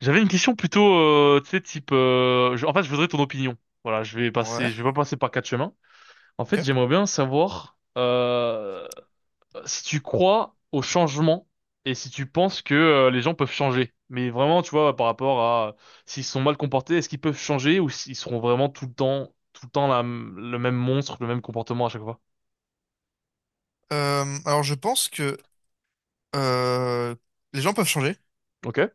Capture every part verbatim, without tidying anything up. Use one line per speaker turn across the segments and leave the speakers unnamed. J'avais une question plutôt, euh, tu sais, type. euh, je- en fait, je voudrais ton opinion. Voilà, je vais passer,
Ouais,
je vais pas passer par quatre chemins. En fait,
ok.
j'aimerais bien savoir euh, si tu crois au changement et si tu penses que euh, les gens peuvent changer. Mais vraiment, tu vois, par rapport à euh, s'ils sont mal comportés, est-ce qu'ils peuvent changer ou s'ils seront vraiment tout le temps, tout le temps la- le même monstre, le même comportement à chaque fois.
Euh, alors je pense que euh, les gens peuvent changer
Ok,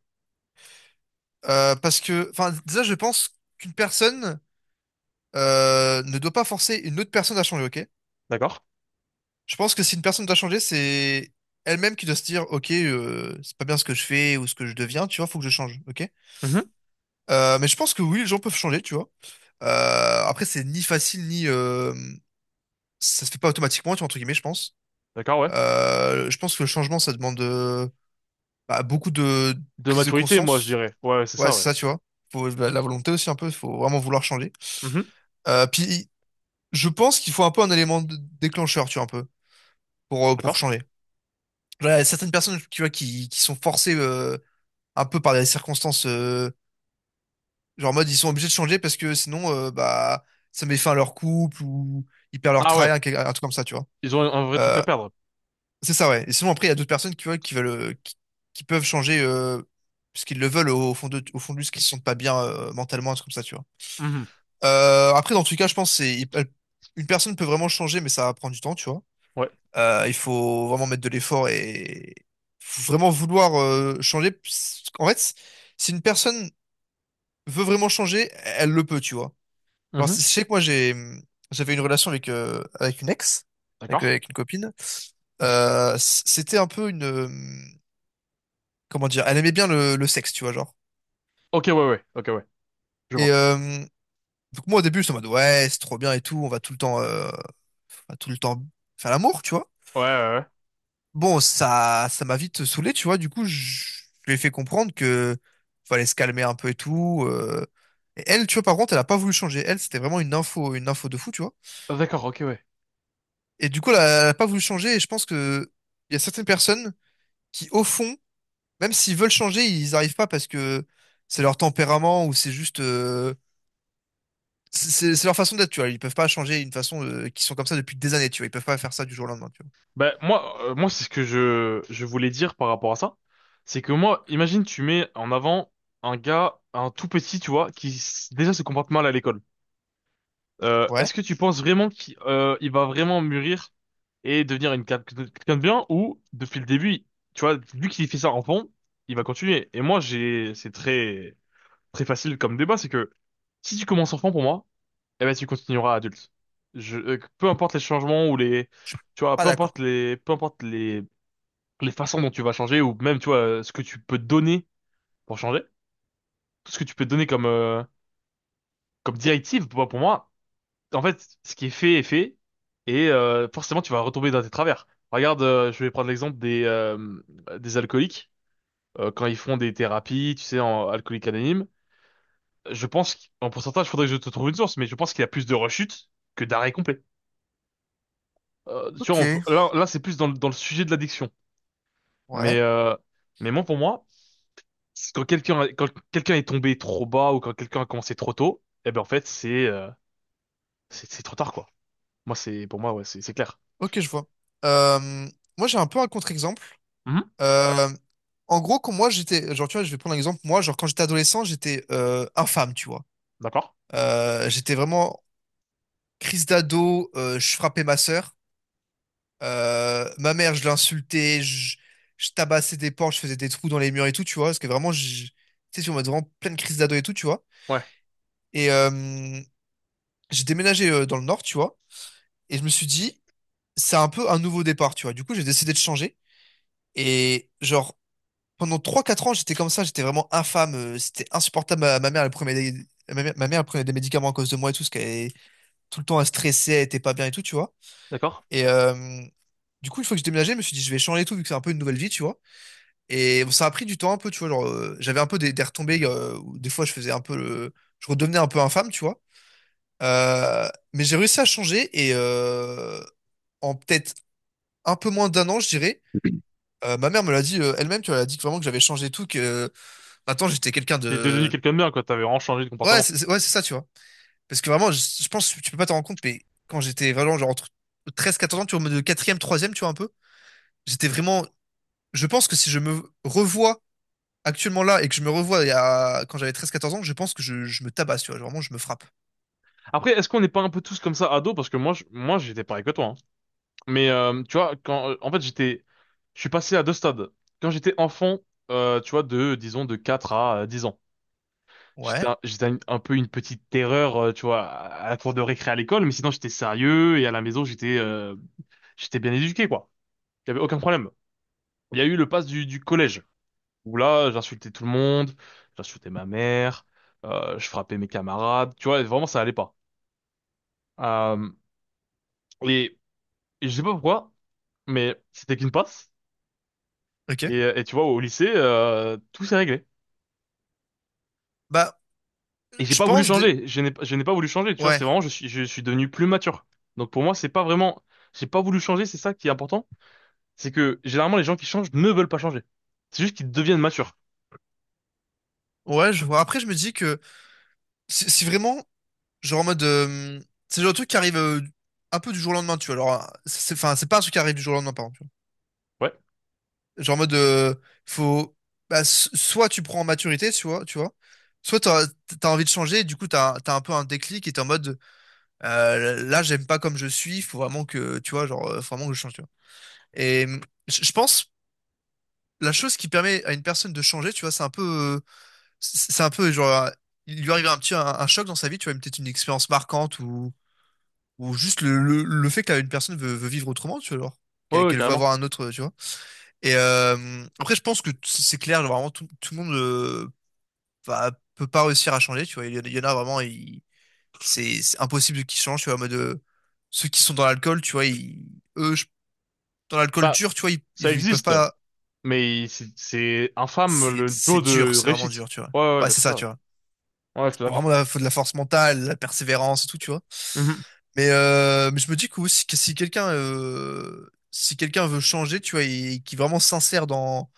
Euh, Parce que, enfin, déjà je pense qu'une personne euh, ne doit pas forcer une autre personne à changer, ok?
d'accord.
Je pense que si une personne doit changer, c'est elle-même qui doit se dire, ok, euh, c'est pas bien ce que je fais ou ce que je deviens, tu vois, faut que je change, ok?
Mhm,
Euh, mais je pense que oui, les gens peuvent changer, tu vois. Euh, après, c'est ni facile ni euh, ça se fait pas automatiquement, tu vois, entre guillemets, je pense.
d'accord, ouais.
Euh, je pense que le changement, ça demande euh, bah, beaucoup de
De
prise de
maturité, moi, je
conscience.
dirais. Ouais, c'est
Ouais,
ça,
c'est
ouais.
ça, tu vois. Faut bah, la volonté aussi un peu, faut vraiment vouloir changer.
Mhm,
Euh, puis je pense qu'il faut un peu un élément de- déclencheur, tu vois, un peu, pour, euh, pour
d'accord.
changer. Genre, il y a certaines personnes, tu vois, qui, qui sont forcées euh, un peu par des circonstances, euh, genre en mode ils sont obligés de changer parce que sinon, euh, bah, ça met fin à leur couple ou ils perdent leur
Ah, ouais,
travail, un, quel- un truc comme ça, tu vois.
ils ont un un vrai truc à
Euh,
perdre.
c'est ça, ouais. Et sinon, après, il y a d'autres personnes qui, tu vois, qui veulent, euh, qui, qui peuvent changer euh, parce qu'ils le veulent au fond de, au fond de ce qu'ils se sentent pas bien euh, mentalement, un truc comme ça, tu vois.
Mhm.
Euh, après, dans tout cas, je pense que c'est une personne peut vraiment changer, mais ça va prendre du temps, tu vois.
Ouais.
Euh, il faut vraiment mettre de l'effort et faut vraiment vouloir euh, changer. En fait, si une personne veut vraiment changer, elle le peut, tu vois. Alors,
Mhm.
je sais que moi, j'ai j'avais une relation avec euh, avec une ex, avec,
D'accord.
avec une copine. Euh, C'était un peu une euh, comment dire, elle aimait bien le, le sexe, tu vois, genre.
Ok, ouais, ouais, ok, ouais, je
Et
vois.
euh, donc moi, au début, j'étais en mode ouais, c'est trop bien et tout, on va tout le temps, euh, on va tout le temps faire l'amour, tu vois.
Ouais, ouais, ouais.
Bon, ça, ça m'a vite saoulé, tu vois. Du coup, je, je lui ai fait comprendre que fallait se calmer un peu et tout. euh. Et elle, tu vois, par contre, elle a pas voulu changer. Elle, c'était vraiment une info, une info de fou, tu vois.
Ah, d'accord, ok, ouais.
Et du coup, elle a, elle a pas voulu changer. Et je pense que il y a certaines personnes qui, au fond, même s'ils veulent changer, ils arrivent pas parce que c'est leur tempérament ou c'est juste, euh, c'est c'est- c'est leur façon d'être, tu vois. Ils peuvent pas changer une façon euh, qu'ils sont comme ça depuis des années, tu vois. Ils peuvent pas faire ça du jour au lendemain, tu
Ben, moi, euh, moi, c'est ce que je, je voulais dire par rapport à ça. C'est que moi, imagine, tu mets en avant un gars, un tout petit, tu vois, qui s- déjà se comporte mal à l'école. Euh,
vois. Ouais,
est-ce que tu penses vraiment qu'il euh, il va vraiment mûrir et devenir une quelqu'un de quelqu'un de bien ou, depuis le début, tu vois, vu qu'il fait ça enfant, il va continuer. Et moi, j'ai, c'est très, très facile comme débat, c'est que si tu commences enfant pour moi, eh ben tu continueras adulte. Je, euh, peu importe les changements ou les,
je suis
tu vois,
pas
peu
d'accord.
importe les, peu importe les, les façons dont tu vas changer ou même, tu vois, euh, ce que tu peux donner pour changer, tout ce que tu peux donner comme, euh, comme directive, pour, pour moi, en fait, ce qui est fait est fait et euh, forcément tu vas retomber dans tes travers. Regarde, euh, je vais prendre l'exemple des, euh, des alcooliques euh, quand ils font des thérapies, tu sais, en alcoolique anonyme. Je pense qu'en pourcentage, faudrait que je te trouve une source, mais je pense qu'il y a plus de rechutes que d'arrêt complet. euh, tu
Ok,
vois, on peut- là, là c'est plus dans, le- dans le sujet de l'addiction. Mais,
ouais.
euh, mais moi, pour moi, c'est quand quelqu'un, quand quelqu'un est tombé trop bas ou quand quelqu'un a commencé trop tôt, eh ben, en fait, c'est, euh, c'est, c'est trop tard, quoi. Moi, c'est, pour moi, ouais, c'est, c'est clair.
Ok, je vois. Euh, Moi, j'ai un peu un contre-exemple.
Mhm.
Euh, En gros, quand moi, j'étais, genre, tu vois, je vais prendre un exemple. Moi, genre, quand j'étais adolescent, j'étais euh, infâme, tu vois.
D'accord?
Euh, j'étais vraiment crise d'ado. Euh, je frappais ma sœur. Euh, ma mère, je l'insultais. Je, je tabassais des portes. Je faisais des trous dans les murs et tout, tu vois. Parce que vraiment, je- tu sais, on m'a vraiment pleine crise d'ado et tout, tu vois.
Ouais,
Et euh, j'ai déménagé euh, dans le nord, tu vois. Et je me suis dit, c'est un peu un nouveau départ, tu vois. Du coup, j'ai décidé de changer. Et genre pendant trois quatre ans, j'étais comme ça, j'étais vraiment infâme. euh, C'était insupportable. Ma, ma mère, elle prenait des... ma mère, ma mère, elle prenait des médicaments à cause de moi et tout, parce qu'elle est tout le temps elle stressait, elle était pas bien et tout, tu vois.
d'accord.
Et euh, du coup, une fois que j'ai déménagé, je me suis dit, je vais changer et tout, vu que c'est un peu une nouvelle vie, tu vois. Et ça a pris du temps un peu, tu vois. Genre, euh, j'avais un peu des, des retombées, euh, où des fois, je faisais un peu le... Je redevenais un peu infâme, tu vois. Euh, mais j'ai réussi à changer et euh, en peut-être un peu moins d'un an, je dirais. Euh, ma mère me l'a dit euh, elle-même, tu vois, elle a dit que vraiment que j'avais changé et tout, que euh, maintenant j'étais quelqu'un
J'étais devenu
de.
quelqu'un de bien, quoi. T'avais vraiment changé de
Ouais,
comportement.
c'est c'est- ouais, c'est ça, tu vois. Parce que vraiment, je, je pense que tu peux pas t'en rendre compte, mais quand j'étais vraiment genre entre treize à quatorze ans, tu vois, en mode e troisième, tu vois, un peu, j'étais vraiment. Je pense que si je me revois actuellement là et que je me revois il y a- quand j'avais treize, quatorze ans, je pense que je, je me tabasse, tu vois. Vraiment, je me frappe.
Après, est-ce qu'on n'est pas un peu tous comme ça ados? Parce que moi, je- moi, j'étais pareil que toi, hein. Mais euh, tu vois, quand, euh, en fait, j'étais, je suis passé à deux stades. Quand j'étais enfant, euh, tu vois, de, disons, de quatre à euh, dix ans. J'étais
Ouais,
un, j'étais un un peu une petite terreur, euh, tu vois, à à la cour de récré à l'école, mais sinon j'étais sérieux et à la maison j'étais euh, j'étais bien éduqué, quoi. Il y avait aucun problème. Il y a eu le pass du, du collège, où là j'insultais tout le monde, j'insultais ma mère, euh, je frappais mes camarades, tu vois, vraiment ça allait pas. Euh, et, et je sais pas pourquoi, mais c'était qu'une passe.
ok.
Et, et tu vois, au lycée, euh, tout s'est réglé.
Bah,
Et j'ai
je
pas voulu
pense. dé-
changer. Je n'ai, je n'ai pas voulu changer, tu vois.
Ouais,
C'est vraiment, je suis, je suis devenu plus mature. Donc pour moi, c'est pas vraiment, j'ai pas voulu changer. C'est ça qui est important. C'est que généralement, les gens qui changent ne veulent pas changer. C'est juste qu'ils deviennent matures.
ouais, je vois. Après, je me dis que si si vraiment, genre en mode. Euh, c'est le genre de truc qui arrive euh, un peu du jour au lendemain, tu vois. Alors, euh, c'est enfin, c'est pas un truc qui arrive du jour au lendemain, par exemple.
Ouais.
Genre en mode, euh, faut, bah, s- soit tu prends en maturité, tu vois, tu vois, soit t'as, t'as envie de changer, et du coup t'as, t'as un peu un déclic et t'es en mode, euh, là j'aime pas comme je suis, faut vraiment que, tu vois, genre, euh, faut vraiment que je change, tu vois. Et hum, je je pense, la chose qui permet à une personne de changer, tu vois, c'est un peu, euh, c'est c'est un peu genre, euh, il lui arrive un petit, un, un choc dans sa vie, tu vois, peut-être une expérience marquante ou, ou juste le, le, le fait que une personne veut, veut vivre autrement, tu vois, alors, qu'elle
Ouais, ouais,
qu'elle veut
carrément.
avoir un autre, tu vois. Et euh, après, je pense que t- c'est clair, vraiment, tout, tout le monde euh, va- peut pas réussir à changer, tu vois. Il y, en a il y en a vraiment, ils- c'est c'est impossible qu'ils changent, tu vois, en mode euh, ceux qui sont dans l'alcool, tu vois, ils, eux, je- dans l'alcool
Bah,
dur, tu vois, ils,
ça
ils, ils peuvent
existe,
pas.
mais c'est c'est infâme
C'est
le
c'est
taux
dur,
de
c'est vraiment
réussite.
dur, tu vois.
Ouais, ouais, ouais,
Ouais,
bah
c'est
c'est
ça,
ça.
tu vois.
Ouais, ouais, je suis
Faut
d'accord.
Vraiment, il faut de la force mentale, de la persévérance et tout, tu vois.
Mhm.
Mais, euh, mais je me dis que, aussi, que si quelqu'un euh, si quelqu'un veut changer, tu vois, et, qui est vraiment sincère dans,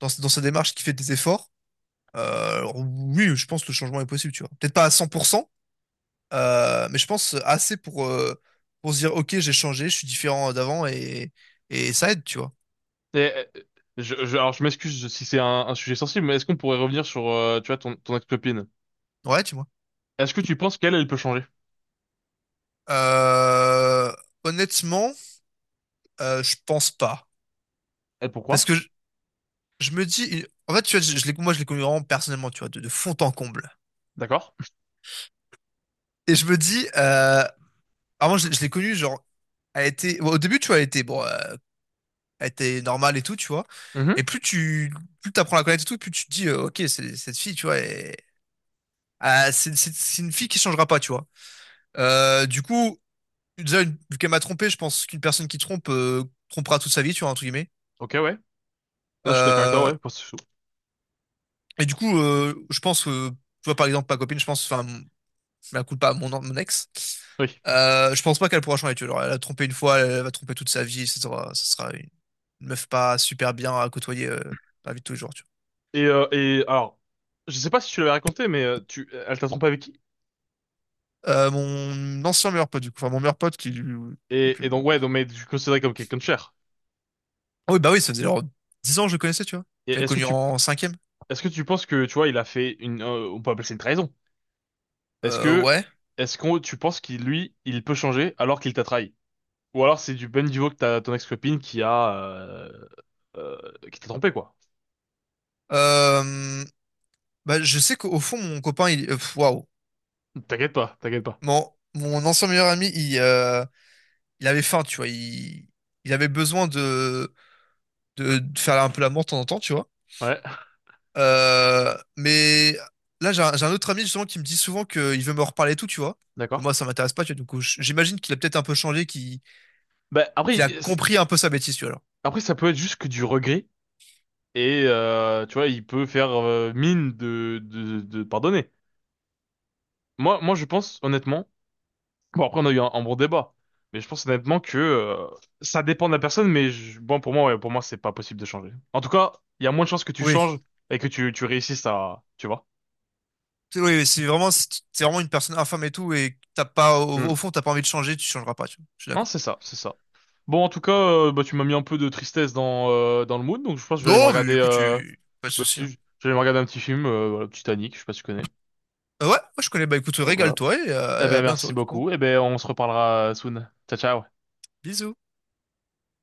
dans, dans sa démarche, qui fait des efforts. Euh, oui, je pense que le changement est possible, tu vois. Peut-être pas à cent pour cent, euh, mais je pense assez pour, euh, pour se dire, ok, j'ai changé, je suis différent d'avant et, et ça aide, tu vois.
Et, euh, je, je- alors, je m'excuse si c'est un, un sujet sensible, mais est-ce qu'on pourrait revenir sur, euh, tu vois, ton, ton ex-copine?
Ouais, tu vois.
Est-ce que tu penses qu'elle, elle peut changer?
Euh, Honnêtement, euh, je pense pas.
Et
Parce
pourquoi?
que je, je me dis, en fait, tu vois, je, je l'ai- moi, je l'ai connu vraiment personnellement, tu vois, de, de fond en comble.
D'accord.
Et je me dis, euh, avant, je, l'ai je l'ai connu, genre, elle était, bon, au début, tu vois, elle était, bon, euh, elle était normale et tout, tu vois. Et
Mhm.
plus tu plus t'apprends à la connaître et tout, plus tu te dis, euh, ok, c'est- cette fille, tu vois, elle- ah, c'est c'est- c'est une fille qui changera pas, tu vois. Euh, du coup, déjà, une- vu qu'elle m'a trompé, je pense qu'une personne qui trompe euh, trompera toute sa vie, tu vois, entre guillemets.
Ok, ouais. Là, je suis d'accord avec toi,
Euh,
ouais. parce que- je suis chaud.
et du coup, euh, je pense, euh, tu vois, par exemple, ma copine, je pense, enfin, je la culpe pas à mon, mon ex.
Oui.
Euh, je pense pas qu'elle pourra changer, tu vois. Genre, elle a trompé une fois, elle va tromper toute sa vie, ça sera, ça sera une, une meuf pas super bien à côtoyer euh, dans la vie de tous les jours, tu vois.
Et, euh, et alors, je sais pas si tu l'avais raconté, mais euh, tu, elle t'a trompé avec qui?
Euh, mon ancien meilleur pote, du coup. Enfin, mon meilleur pote qui, lui- qui est plus
Et, et
mon
donc,
meilleur
ouais,
pote.
donc, mais tu le considérais comme quelqu'un de cher.
Ah oui, bah oui, ça faisait genre dix ans que je le connaissais, tu vois.
Et
Je l'avais
est-ce que
connu
tu,
en cinquième.
est-ce que tu penses que, tu vois, il a fait une, euh, on peut appeler ça une trahison. Est-ce
Euh,
que,
ouais.
est-ce qu'on, tu penses qu'il, lui, il peut changer alors qu'il t'a trahi? Ou alors c'est du ben niveau que t'as ton ex-copine qui a, euh, euh, qui t'a trompé, quoi.
Euh, Bah, je sais qu'au fond, mon copain, il... euh, pff, waouh.
T'inquiète pas, t'inquiète pas.
Mon, mon ancien meilleur ami, il, euh, il avait faim, tu vois. Il, il avait besoin de, de, de faire un peu la mort de temps en temps, tu vois.
Ouais,
Euh, mais là, j'ai un, j'ai un autre ami, justement, qui me dit souvent qu'il veut me reparler et tout, tu vois. Mais
d'accord.
moi, ça m'intéresse pas, tu vois. Du coup, j- j'imagine qu'il a peut-être un peu changé, qu'il
Bah,
qu'il
après,
a
c'est-
compris un peu sa bêtise, tu vois.
après, ça peut être juste que du regret et euh, tu vois, il peut faire euh, mine de, de, de pardonner. Moi, moi, je pense honnêtement. Bon, après, on a eu un, un bon débat, mais je pense honnêtement que euh, ça dépend de la personne. Mais je- bon, pour moi, ouais, pour moi, c'est pas possible de changer. En tout cas, il y a moins de chances que tu
Oui,
changes et que tu, tu réussisses à, tu vois.
c'est oui, oui, c'est vraiment, c'est c'est vraiment une personne infâme et tout, et t'as pas, au,
Mm.
au fond, t'as pas envie de changer, tu changeras pas, tu vois. Je suis
Non,
d'accord.
c'est ça, c'est ça. Bon, en tout cas, euh, bah, tu m'as mis un peu de tristesse dans euh, dans le mood, donc je pense que je vais aller me
Non, mais
regarder.
écoute,
Euh,
tu... pas de
bah,
souci,
tu-
hein.
je vais aller me regarder un petit film, euh, voilà, Titanic. Je sais pas si tu connais.
Euh, ouais, moi je connais, bah écoute,
Voilà.
régale-toi et
Eh
euh, à
ben, merci
bientôt, du coup.
beaucoup. Eh ben, on se reparlera euh, soon. Ciao, ciao.
Bisous.